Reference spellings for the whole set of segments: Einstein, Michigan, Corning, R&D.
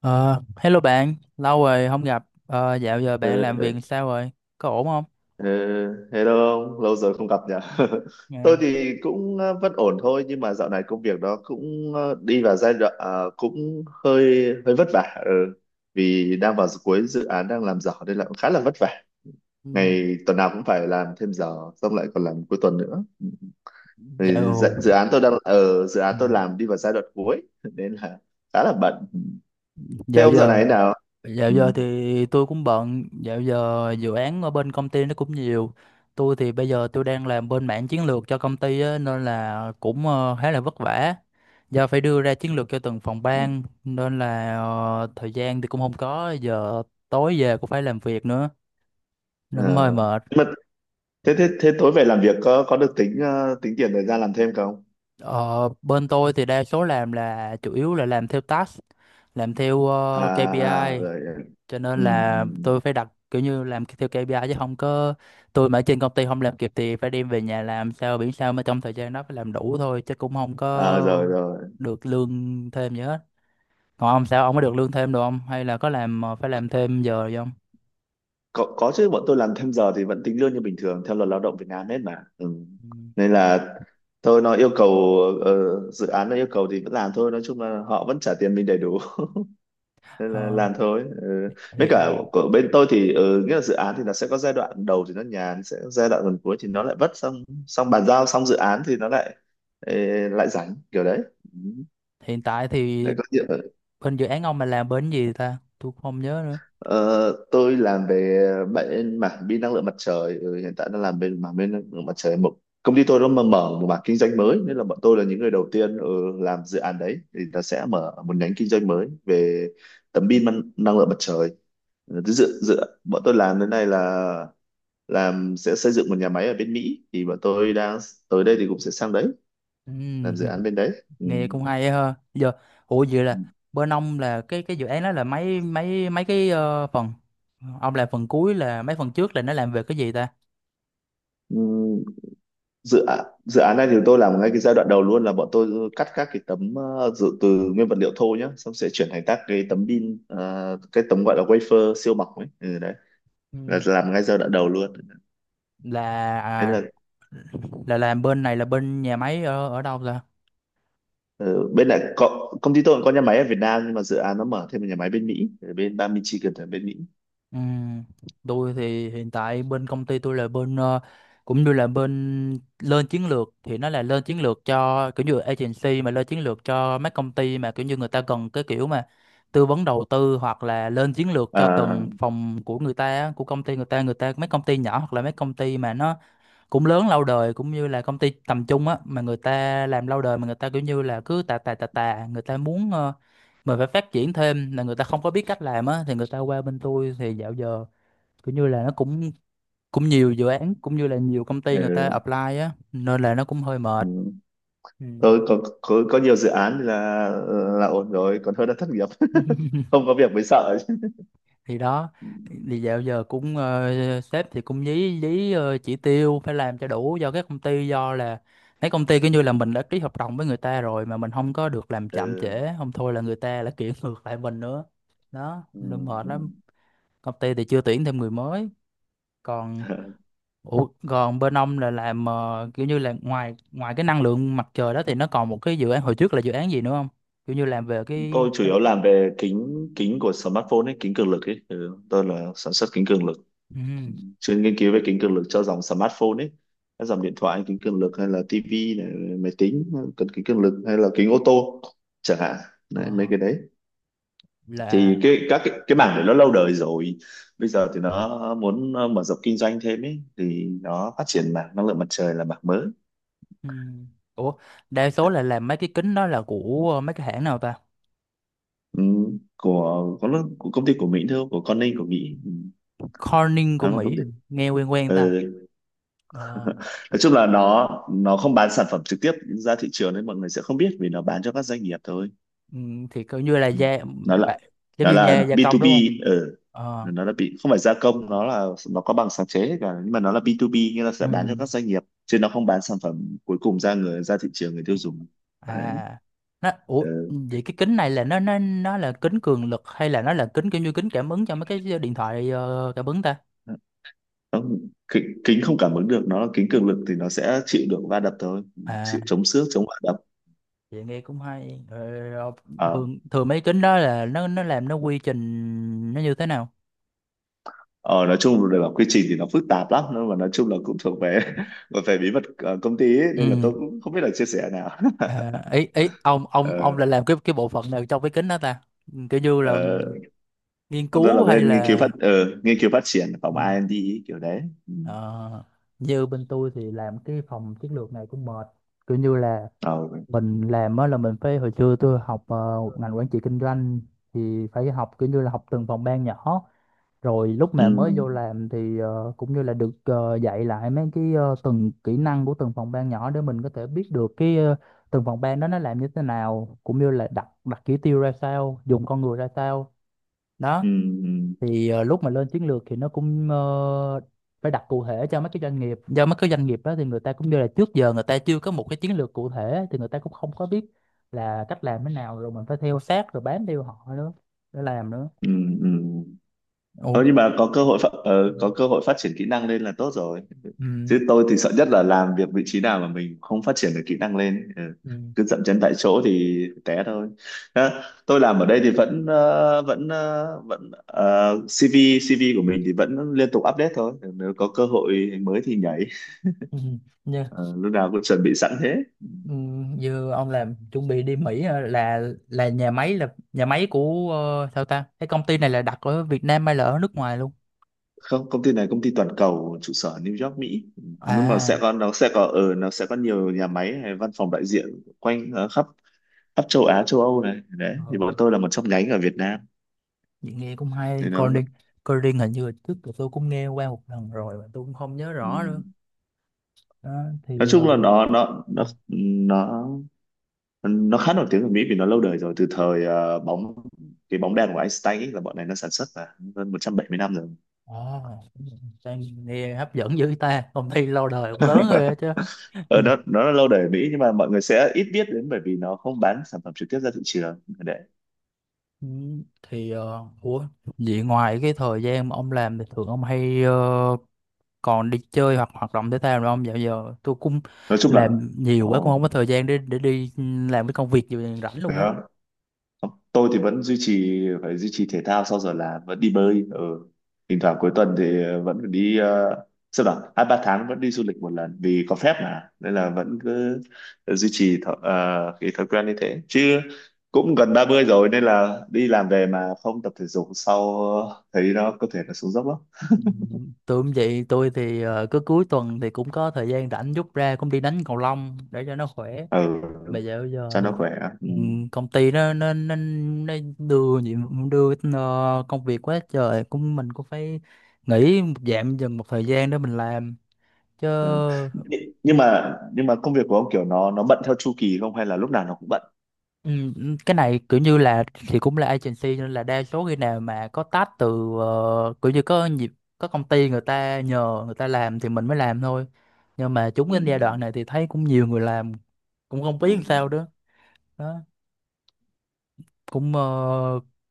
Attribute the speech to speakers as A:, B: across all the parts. A: Ờ, Hello bạn, lâu rồi không gặp. Ờ, Dạo giờ bạn
B: Ừ,
A: làm việc
B: ừ,
A: sao rồi? Có ổn không?
B: ừ. Hello ông, lâu rồi không gặp nhỉ? Tôi
A: Dạ.
B: thì cũng vẫn ổn thôi nhưng mà dạo này công việc nó cũng đi vào giai đoạn cũng hơi hơi vất vả, ừ. Vì đang vào cuối dự án đang làm giỏ nên là cũng khá là vất vả.
A: Ừ,
B: Ngày tuần nào cũng phải làm thêm giờ xong lại còn làm cuối tuần nữa. Thì
A: Dạo
B: dự án tôi đang ở dự án
A: ừ,
B: tôi làm đi vào giai đoạn cuối nên là khá là bận. Thế
A: dạo
B: ông dạo
A: giờ
B: này thế nào?
A: dạo
B: Ừ,
A: giờ thì tôi cũng bận. Dạo giờ dự án ở bên công ty nó cũng nhiều. Tôi bây giờ đang làm bên mảng chiến lược cho công ty á, nên là cũng khá là vất vả. Do phải đưa ra chiến lược cho từng phòng
B: ừ.
A: ban nên là thời gian thì cũng không có. Giờ tối về cũng phải làm việc nữa nên cũng hơi
B: Ờ.
A: mệt.
B: Nhưng mà thế thế thế tối về làm việc có được tính tính tiền thời gian làm thêm không?
A: Ờ, bên tôi thì đa số làm là chủ yếu là làm theo task, làm theo
B: À, à à,
A: KPI,
B: rồi,
A: cho nên
B: ừ,
A: là
B: ừ.
A: tôi phải đặt kiểu như làm theo KPI chứ không có, tôi mà ở trên công ty không làm kịp thì phải đem về nhà làm sao biển sao mà trong thời gian đó phải làm đủ thôi chứ cũng không
B: À,
A: có
B: rồi rồi.
A: được lương thêm gì hết. Còn ông sao, ông có được lương thêm được không? Hay là có làm phải làm thêm giờ gì không?
B: Có chứ, bọn tôi làm thêm giờ thì vẫn tính lương như bình thường theo luật lao động Việt Nam hết mà, ừ.
A: Ừ.
B: Nên là thôi nó yêu cầu, ờ, dự án nó yêu cầu thì vẫn làm thôi, nói chung là họ vẫn trả tiền mình đầy đủ. Nên là
A: Ờ,
B: làm thôi, ừ. Với cả
A: hiện,
B: của bên tôi thì nghĩa là dự án thì nó sẽ có giai đoạn đầu thì nó nhàn, sẽ có giai đoạn gần cuối thì nó lại vất, xong xong bàn giao xong dự án thì nó ê, lại rảnh kiểu đấy. Ừ.
A: hiện tại
B: Để
A: thì
B: có chuyện.
A: bên dự án ông mà làm bên gì ta? Tôi cũng không nhớ nữa.
B: Ờ, tôi làm về bên mảng pin năng lượng mặt trời, hiện tại đang làm bên mảng pin năng lượng mặt trời, một công ty tôi nó mà mở một mảng kinh doanh mới nên là bọn tôi là những người đầu tiên làm dự án đấy, thì nó sẽ mở một nhánh kinh doanh mới về tấm pin năng lượng mặt trời. Ừ, Thứ dự dự Bọn tôi làm đến nay là làm sẽ xây dựng một nhà máy ở bên Mỹ, thì bọn tôi đang tới đây thì cũng sẽ sang đấy
A: Ừ.
B: làm dự án bên đấy, ừ.
A: Nghe cũng hay á ha. Giờ ủa vậy
B: Ừ.
A: là bên ông là cái dự án đó là mấy mấy mấy cái phần ông làm phần cuối là mấy phần trước là nó làm về cái gì ta?
B: Ừ. Dự án này thì tôi làm ngay cái giai đoạn đầu luôn, là bọn tôi cắt các cái tấm, ờ, dự từ nguyên vật liệu thô nhá, xong sẽ chuyển thành các cái tấm pin, cái tấm gọi là wafer siêu mỏng ấy, ừ, đấy
A: Ừ.
B: là làm ngay giai đoạn đầu luôn, thế
A: là
B: là
A: à, là làm bên này là bên nhà máy ở ở đâu ta?
B: ờ, bên này có, công ty tôi cũng có nhà máy ở Việt Nam nhưng mà dự án nó mở thêm một nhà máy bên Mỹ, ở bên bang Michigan ở bên Mỹ.
A: Ừ, tôi thì hiện tại bên công ty tôi là bên cũng như là bên lên chiến lược thì nó là lên chiến lược cho kiểu như agency, mà lên chiến lược cho mấy công ty mà kiểu như người ta cần cái kiểu mà tư vấn đầu tư, hoặc là lên chiến lược cho
B: À,
A: từng phòng của người ta á, của công ty người ta, người ta mấy công ty nhỏ hoặc là mấy công ty mà nó cũng lớn lâu đời cũng như là công ty tầm trung á, mà người ta làm lâu đời mà người ta kiểu như là cứ tà tà tà tà, người ta muốn mình phải phát triển thêm, là người ta không có biết cách làm á, thì người ta qua bên tôi. Thì dạo giờ kiểu như là nó cũng cũng nhiều dự án cũng như là nhiều công ty người ta
B: ừ,
A: apply á, nên là nó cũng hơi
B: ừ.
A: mệt. Ừ.
B: Tôi có, có nhiều dự án, là ổn rồi còn hơn là thất nghiệp. Không có việc mới sợ chứ.
A: Thì đó, thì dạo giờ cũng sếp thì cũng dí dí chỉ tiêu phải làm cho đủ, do các công ty, do là mấy công ty cứ như là mình đã ký hợp đồng với người ta rồi mà mình không có được làm chậm trễ,
B: Ừ.
A: không thôi là người ta lại kiện ngược lại mình nữa. Đó nên mệt lắm.
B: Ừ,
A: Công ty thì chưa tuyển thêm người mới. Còn
B: ừ.
A: ủa, còn bên ông là làm kiểu như là ngoài ngoài cái năng lượng mặt trời đó thì nó còn một cái dự án hồi trước là dự án gì nữa không, kiểu như làm về cái
B: Tôi chủ yếu làm về kính kính của smartphone ấy, kính cường lực ấy, tôi là sản xuất kính cường lực,
A: ừ,
B: chuyên nghiên cứu về kính cường lực cho dòng smartphone ấy, các dòng điện thoại kính cường lực hay là tivi này, máy tính cần kính cường lực, hay là kính ô tô chẳng hạn, đấy, mấy
A: ờ,
B: cái đấy. Thì
A: là.
B: cái mảng đấy nó lâu đời rồi, bây giờ thì nó muốn mở rộng kinh doanh thêm ấy thì nó phát triển mảng năng lượng mặt trời là mảng mới.
A: Ừ. Ủa, đa số là làm mấy cái kính đó là của mấy cái hãng nào ta?
B: Ừ, của công ty của Mỹ thôi, của Corning của Mỹ.
A: Corning của
B: Nó là
A: Mỹ
B: công ty,
A: à? Nghe quen quen ta.
B: ừ.
A: Ờ,
B: Nói chung là nó không bán sản phẩm trực tiếp ra thị trường nên mọi người sẽ không biết vì nó bán cho các doanh nghiệp thôi.
A: ừ, thì coi như là
B: Ừ. nó là
A: bạ- giống
B: nó
A: như gia
B: là
A: gia công
B: B2B,
A: đúng không?
B: ừ.
A: Ờ,
B: Nó là bị không phải gia công, nó là, nó có bằng sáng chế hết cả nhưng mà nó là B2B, nghĩa là
A: ừ.
B: sẽ bán cho các doanh nghiệp chứ nó không bán sản phẩm cuối cùng ra người ra thị trường người tiêu dùng, đấy,
A: À, ủa
B: ừ.
A: vậy cái kính này là nó là kính cường lực, hay là nó là kính kiểu như kính cảm ứng cho mấy cái điện thoại cảm ứng ta?
B: Không, kính không cảm ứng được, nó là kính cường lực thì nó sẽ chịu được va đập thôi,
A: À,
B: chịu chống xước chống va
A: vậy nghe cũng hay. Ờ,
B: đập.
A: thường thường mấy kính đó là nó làm nó quy trình nó như thế nào?
B: Ờ, nói chung là quy trình thì nó phức tạp lắm nhưng mà nói chung là cũng thuộc về, về bí mật công ty ấy,
A: Ừ.
B: nên là tôi cũng không biết là chia sẻ nào.
A: À, ý ý ông
B: ờ,
A: là làm cái bộ phận nào trong cái kính đó ta? Ừ, kiểu như là
B: ờ,
A: nghiên
B: Còn tôi là
A: cứu hay
B: bên nghiên cứu
A: là
B: phát, nghiên cứu phát triển, phòng
A: ừ,
B: R&D ấy, kiểu đấy. Ừ.
A: ờ, như bên tôi thì làm cái phòng chiến lược này cũng mệt. Kiểu như là
B: Ờ.
A: mình làm á là mình phải hồi xưa tôi học một ngành quản trị kinh doanh, thì phải học kiểu như là học từng phòng ban nhỏ, rồi lúc mà
B: Ừ.
A: mới
B: Ừ.
A: vô làm thì cũng như là được dạy lại mấy cái từng kỹ năng của từng phòng ban nhỏ để mình có thể biết được cái từng phòng ban đó nó làm như thế nào, cũng như là đặt đặt chỉ tiêu ra sao, dùng con người ra sao. Đó
B: Ừ.
A: thì lúc mà lên chiến lược thì nó cũng phải đặt cụ thể cho mấy cái doanh nghiệp, do mấy cái doanh nghiệp đó thì người ta cũng như là trước giờ người ta chưa có một cái chiến lược cụ thể, thì người ta cũng không có biết là cách làm thế nào, rồi mình phải theo sát rồi bám theo họ nữa để làm nữa.
B: Ừ. Ừ. Ừ.
A: Ủa?
B: Ờ, nhưng mà có cơ hội phát, có cơ hội phát triển kỹ năng lên là tốt rồi,
A: Ừ.
B: chứ tôi thì sợ nhất là làm việc vị trí nào mà mình không phát triển được kỹ năng lên, ừ.
A: Ừ.
B: Cứ dậm chân tại chỗ thì té thôi. Đó, tôi làm ở đây thì vẫn CV CV của mình thì vẫn liên tục update thôi, nếu có cơ hội mới thì nhảy.
A: Ừ. Như,
B: Ờ, lúc nào cũng chuẩn bị sẵn thế.
A: ừ, như ông làm chuẩn bị đi Mỹ hả? Là nhà máy của sao ta? Cái công ty này là đặt ở Việt Nam hay là ở nước ngoài luôn?
B: Không, công ty này công ty toàn cầu, trụ sở New York Mỹ. Ừ, nhưng mà
A: À.
B: sẽ có, nó sẽ có nhiều nhà máy hay văn phòng đại diện quanh, khắp khắp châu Á châu Âu này đấy, thì bọn tôi là một trong nhánh ở Việt Nam
A: Vậy nghe cũng
B: thì
A: hay. Coi
B: nó,
A: riêng, coi riêng hình như là trước giờ tôi cũng nghe qua một lần rồi mà tôi cũng không nhớ
B: ừ.
A: rõ nữa. Đó
B: Nói
A: thì
B: chung
A: ờ,
B: là nó nó khá nổi tiếng ở Mỹ vì nó lâu đời rồi, từ thời ờ, bóng cái bóng đèn của Einstein ấy, là bọn này nó sản xuất là hơn 170 năm rồi.
A: ờ, sang nghe hấp dẫn dữ ta, công ty lâu đời cũng lớn rồi á chứ. Ừ,
B: Ờ, nó là lâu đời ở Mỹ nhưng mà mọi người sẽ ít biết đến bởi vì nó không bán sản phẩm trực tiếp ra thị trường để,
A: Ừ, thì ờ, ủa vậy ngoài cái thời gian mà ông làm thì thường ông hay còn đi chơi hoặc hoạt động thể thao nữa không? Dạo giờ tôi cũng
B: nói chung là,
A: làm nhiều quá cũng không
B: ồ.
A: có thời gian để đi làm cái công việc gì rảnh luôn á.
B: Tôi thì vẫn duy trì, phải duy trì thể thao, sau giờ làm vẫn đi bơi, ừ. Thỉnh thoảng cuối tuần thì vẫn phải đi, sao bảo 2-3 tháng vẫn đi du lịch một lần, vì có phép mà nên là vẫn cứ duy trì thói, cái thói quen như thế, chứ cũng gần 30 rồi nên là đi làm về mà không tập thể dục sau thấy nó có thể là xuống dốc lắm.
A: Tôi cũng vậy, tôi thì cứ cuối tuần thì cũng có thời gian rảnh rút ra cũng đi đánh cầu lông để cho nó khỏe.
B: Ừ,
A: Bây giờ
B: cho nó
A: thì
B: khỏe, ừ.
A: công ty nó đưa nhiệm đưa công việc quá trời, cũng mình cũng phải nghỉ một dạng dần một thời gian để mình làm chứ.
B: Ừ. Nhưng mà công việc của ông kiểu nó bận theo chu kỳ không hay là lúc nào nó cũng bận?
A: Ừ, ừ, cái này kiểu như là thì cũng là agency, nên là đa số khi nào mà có task từ kiểu như có nhịp có công ty người ta nhờ, người ta làm thì mình mới làm thôi. Nhưng mà chúng
B: Ừ.
A: cái giai đoạn này thì thấy cũng nhiều người làm cũng không
B: Ừ.
A: biết làm
B: Ừ.
A: sao đó. Đó cũng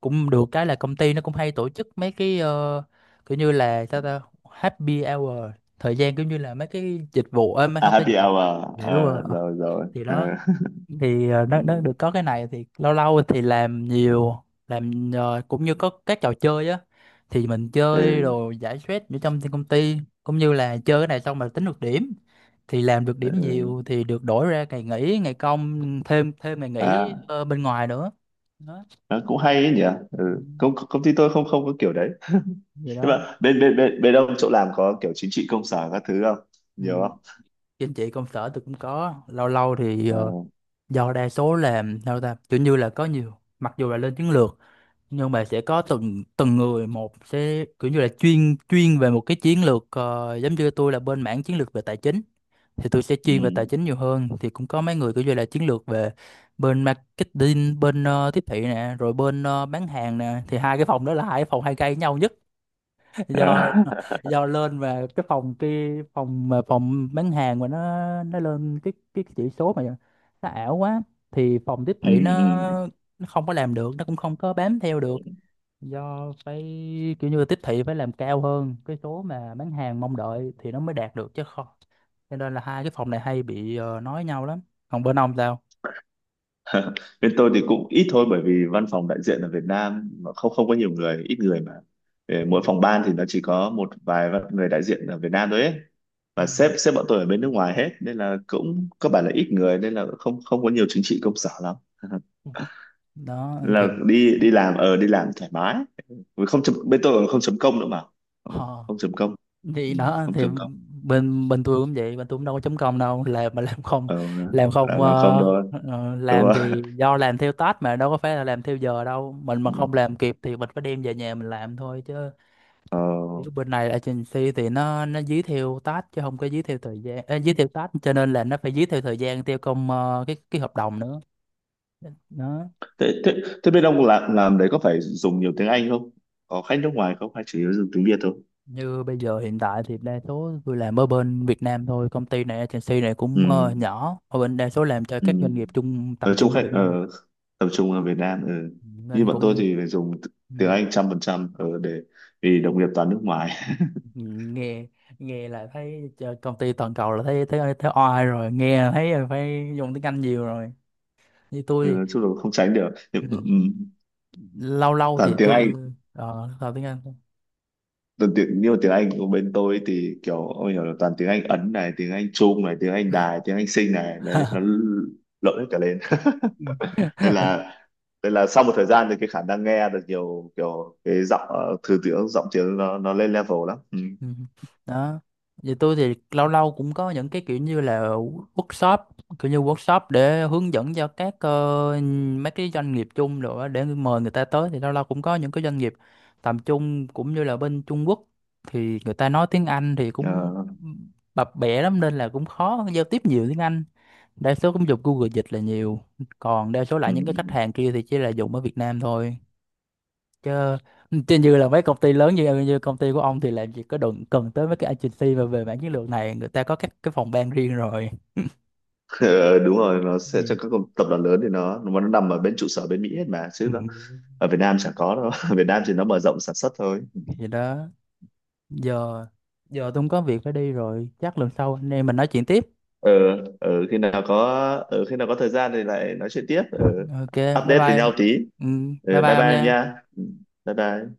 A: cũng được cái là công ty nó cũng hay tổ chức mấy cái kiểu như là sao ta, happy hour, thời gian kiểu như là mấy cái dịch vụ mấy
B: À,
A: không phải dịch
B: happy
A: vụ.
B: hour.
A: Dạ đúng rồi.
B: Ờ,
A: Ờ,
B: rồi rồi.
A: thì
B: Ờ,
A: đó thì
B: ừ,
A: nó được có cái này thì lâu lâu thì làm nhiều làm cũng như có các trò chơi á thì mình chơi
B: ừ,
A: rồi giải stress ở trong công ty, cũng như là chơi cái này xong mà tính được điểm, thì làm được điểm
B: ừ.
A: nhiều thì được đổi ra ngày nghỉ, ngày công thêm, thêm ngày nghỉ
B: À,
A: bên ngoài nữa. Đó.
B: nó cũng hay ấy nhỉ. Ừ.
A: Ừ,
B: công công ty tôi không không có kiểu đấy,
A: vậy
B: nhưng
A: đó
B: mà bên bên bên bên ông chỗ làm có kiểu chính trị công sở các thứ không,
A: ừ.
B: nhiều không?
A: Trên chị công sở tôi cũng có, lâu lâu thì
B: Ờ,
A: do đa số làm sao ta, kiểu như là có nhiều, mặc dù là lên chiến lược nhưng mà sẽ có từng từng người một sẽ kiểu như là chuyên chuyên về một cái chiến lược giống như tôi là bên mảng chiến lược về tài chính, thì tôi sẽ chuyên về tài
B: ừ.
A: chính nhiều hơn. Thì cũng có mấy người kiểu như là chiến lược về bên marketing, bên tiếp thị nè, rồi bên bán hàng nè, thì hai cái phòng đó là hai cái phòng hay gây nhau nhất do
B: À,
A: do lên về cái phòng kia, phòng mà phòng bán hàng mà nó lên cái chỉ số mà nó ảo quá, thì phòng tiếp thị nó
B: ừ,
A: nó không có làm được, nó cũng không có bám theo được,
B: ừ.
A: do phải kiểu như là tiếp thị phải làm cao hơn cái số mà bán hàng mong đợi thì nó mới đạt được chứ không. Cho nên là hai cái phòng này hay bị nói nhau lắm. Còn bên ông sao?
B: Bên tôi thì cũng ít thôi bởi vì văn phòng đại diện ở Việt Nam mà không không có nhiều người, ít người mà. Ờ, mỗi phòng ban thì nó chỉ có một vài người đại diện ở Việt Nam thôi ấy,
A: Ừ.
B: và sếp sếp bọn tôi ở bên nước ngoài hết nên là cũng cơ bản là ít người nên là không không có nhiều chính trị công sở lắm.
A: Ừ. Đó thì
B: Là đi đi làm ở đi làm thoải mái. Vì không chấm, bên tôi còn không chấm công nữa mà. Ờ,
A: ờ,
B: không chấm công,
A: thì
B: ừ,
A: đó
B: không
A: thì
B: chấm công
A: bên bên tôi cũng vậy, bên tôi cũng đâu có chấm công đâu, làm mà làm không,
B: ờ,
A: làm không
B: làm không
A: ờ,
B: thôi,
A: ờ,
B: đúng
A: làm
B: rồi.
A: thì do làm theo task mà đâu có phải là làm theo giờ đâu. Mình mà không
B: Ừ.
A: làm kịp thì mình phải đem về nhà mình làm thôi chứ.
B: Ờ,
A: Kiểu bên này agency thì nó dí theo task chứ không có dí theo thời gian, à, dí theo task cho nên là nó phải dí theo thời gian theo công cái hợp đồng nữa. Đó.
B: thế thế thế bên ông làm đấy có phải dùng nhiều tiếng Anh không, có khách nước ngoài không hay chủ yếu dùng tiếng Việt thôi?
A: Như bây giờ hiện tại thì đa số tôi làm ở bên Việt Nam thôi, công ty này agency này
B: Ừ,
A: cũng nhỏ ở bên đa số làm cho
B: ừ,
A: các doanh nghiệp chung
B: ở
A: tầm
B: chung
A: trung với
B: khách
A: Việt Nam.
B: ở tập trung ở Việt Nam, ừ.
A: Ừ,
B: Như
A: nên
B: bọn tôi
A: cũng
B: thì phải dùng
A: ừ,
B: tiếng Anh 100% ở để, vì đồng nghiệp toàn nước ngoài.
A: ừ, nghe nghe là thấy cho công ty toàn cầu là thấy thấy thấy oai rồi, nghe là thấy là phải dùng tiếng Anh nhiều rồi. Như tôi
B: Ừ, nói
A: thì-
B: chung là không tránh được.
A: ừ.
B: Ừ.
A: Lâu lâu
B: Toàn
A: thì
B: tiếng
A: tôi
B: Anh,
A: ờ học tiếng Anh.
B: toàn tiếng nhưng mà tiếng Anh của bên tôi thì kiểu ông hiểu là toàn tiếng Anh Ấn này, tiếng Anh Trung này, tiếng Anh Đài, tiếng Anh Sinh này đấy, nó lộn hết cả lên, nên là sau một thời gian thì cái khả năng nghe được nhiều kiểu cái giọng, thứ tiếng giọng tiếng nó lên level lắm, ừ.
A: Ừ. Đó vậy tôi thì lâu lâu cũng có những cái kiểu như là workshop, kiểu như workshop để hướng dẫn cho các mấy cái doanh nghiệp chung rồi á, để mời người ta tới. Thì lâu lâu cũng có những cái doanh nghiệp tầm trung cũng như là bên Trung Quốc thì người ta nói tiếng Anh thì cũng
B: Ờ,
A: bập bẹ lắm, nên là cũng khó giao tiếp nhiều tiếng Anh. Đa số cũng dùng Google dịch là nhiều. Còn đa số lại
B: ừ.
A: những cái khách hàng kia thì chỉ là dùng ở Việt Nam thôi, chứ chứ như là mấy công ty lớn như như công ty của ông thì làm gì có đụng cần tới mấy cái agency mà về mảng chiến lược này, người ta có các cái phòng ban riêng rồi.
B: Đúng rồi, nó sẽ cho
A: Thì,
B: các tập đoàn lớn thì nó nằm ở bên trụ sở bên Mỹ hết mà chứ
A: Ừ.
B: nó ở Việt Nam chẳng có đâu. Ở Việt Nam thì nó mở rộng sản xuất thôi.
A: thì đó giờ, giờ tôi cũng có việc phải đi rồi, chắc lần sau anh em mình nói chuyện tiếp.
B: Ờ, ừ, khi nào có thời gian thì lại nói chuyện tiếp, ừ.
A: Ok, bye
B: Update với
A: bye,
B: nhau tí,
A: ừ, bye
B: ừ,
A: bye
B: bye
A: ông
B: bye em
A: nha.
B: nha. Ừ, bye bye.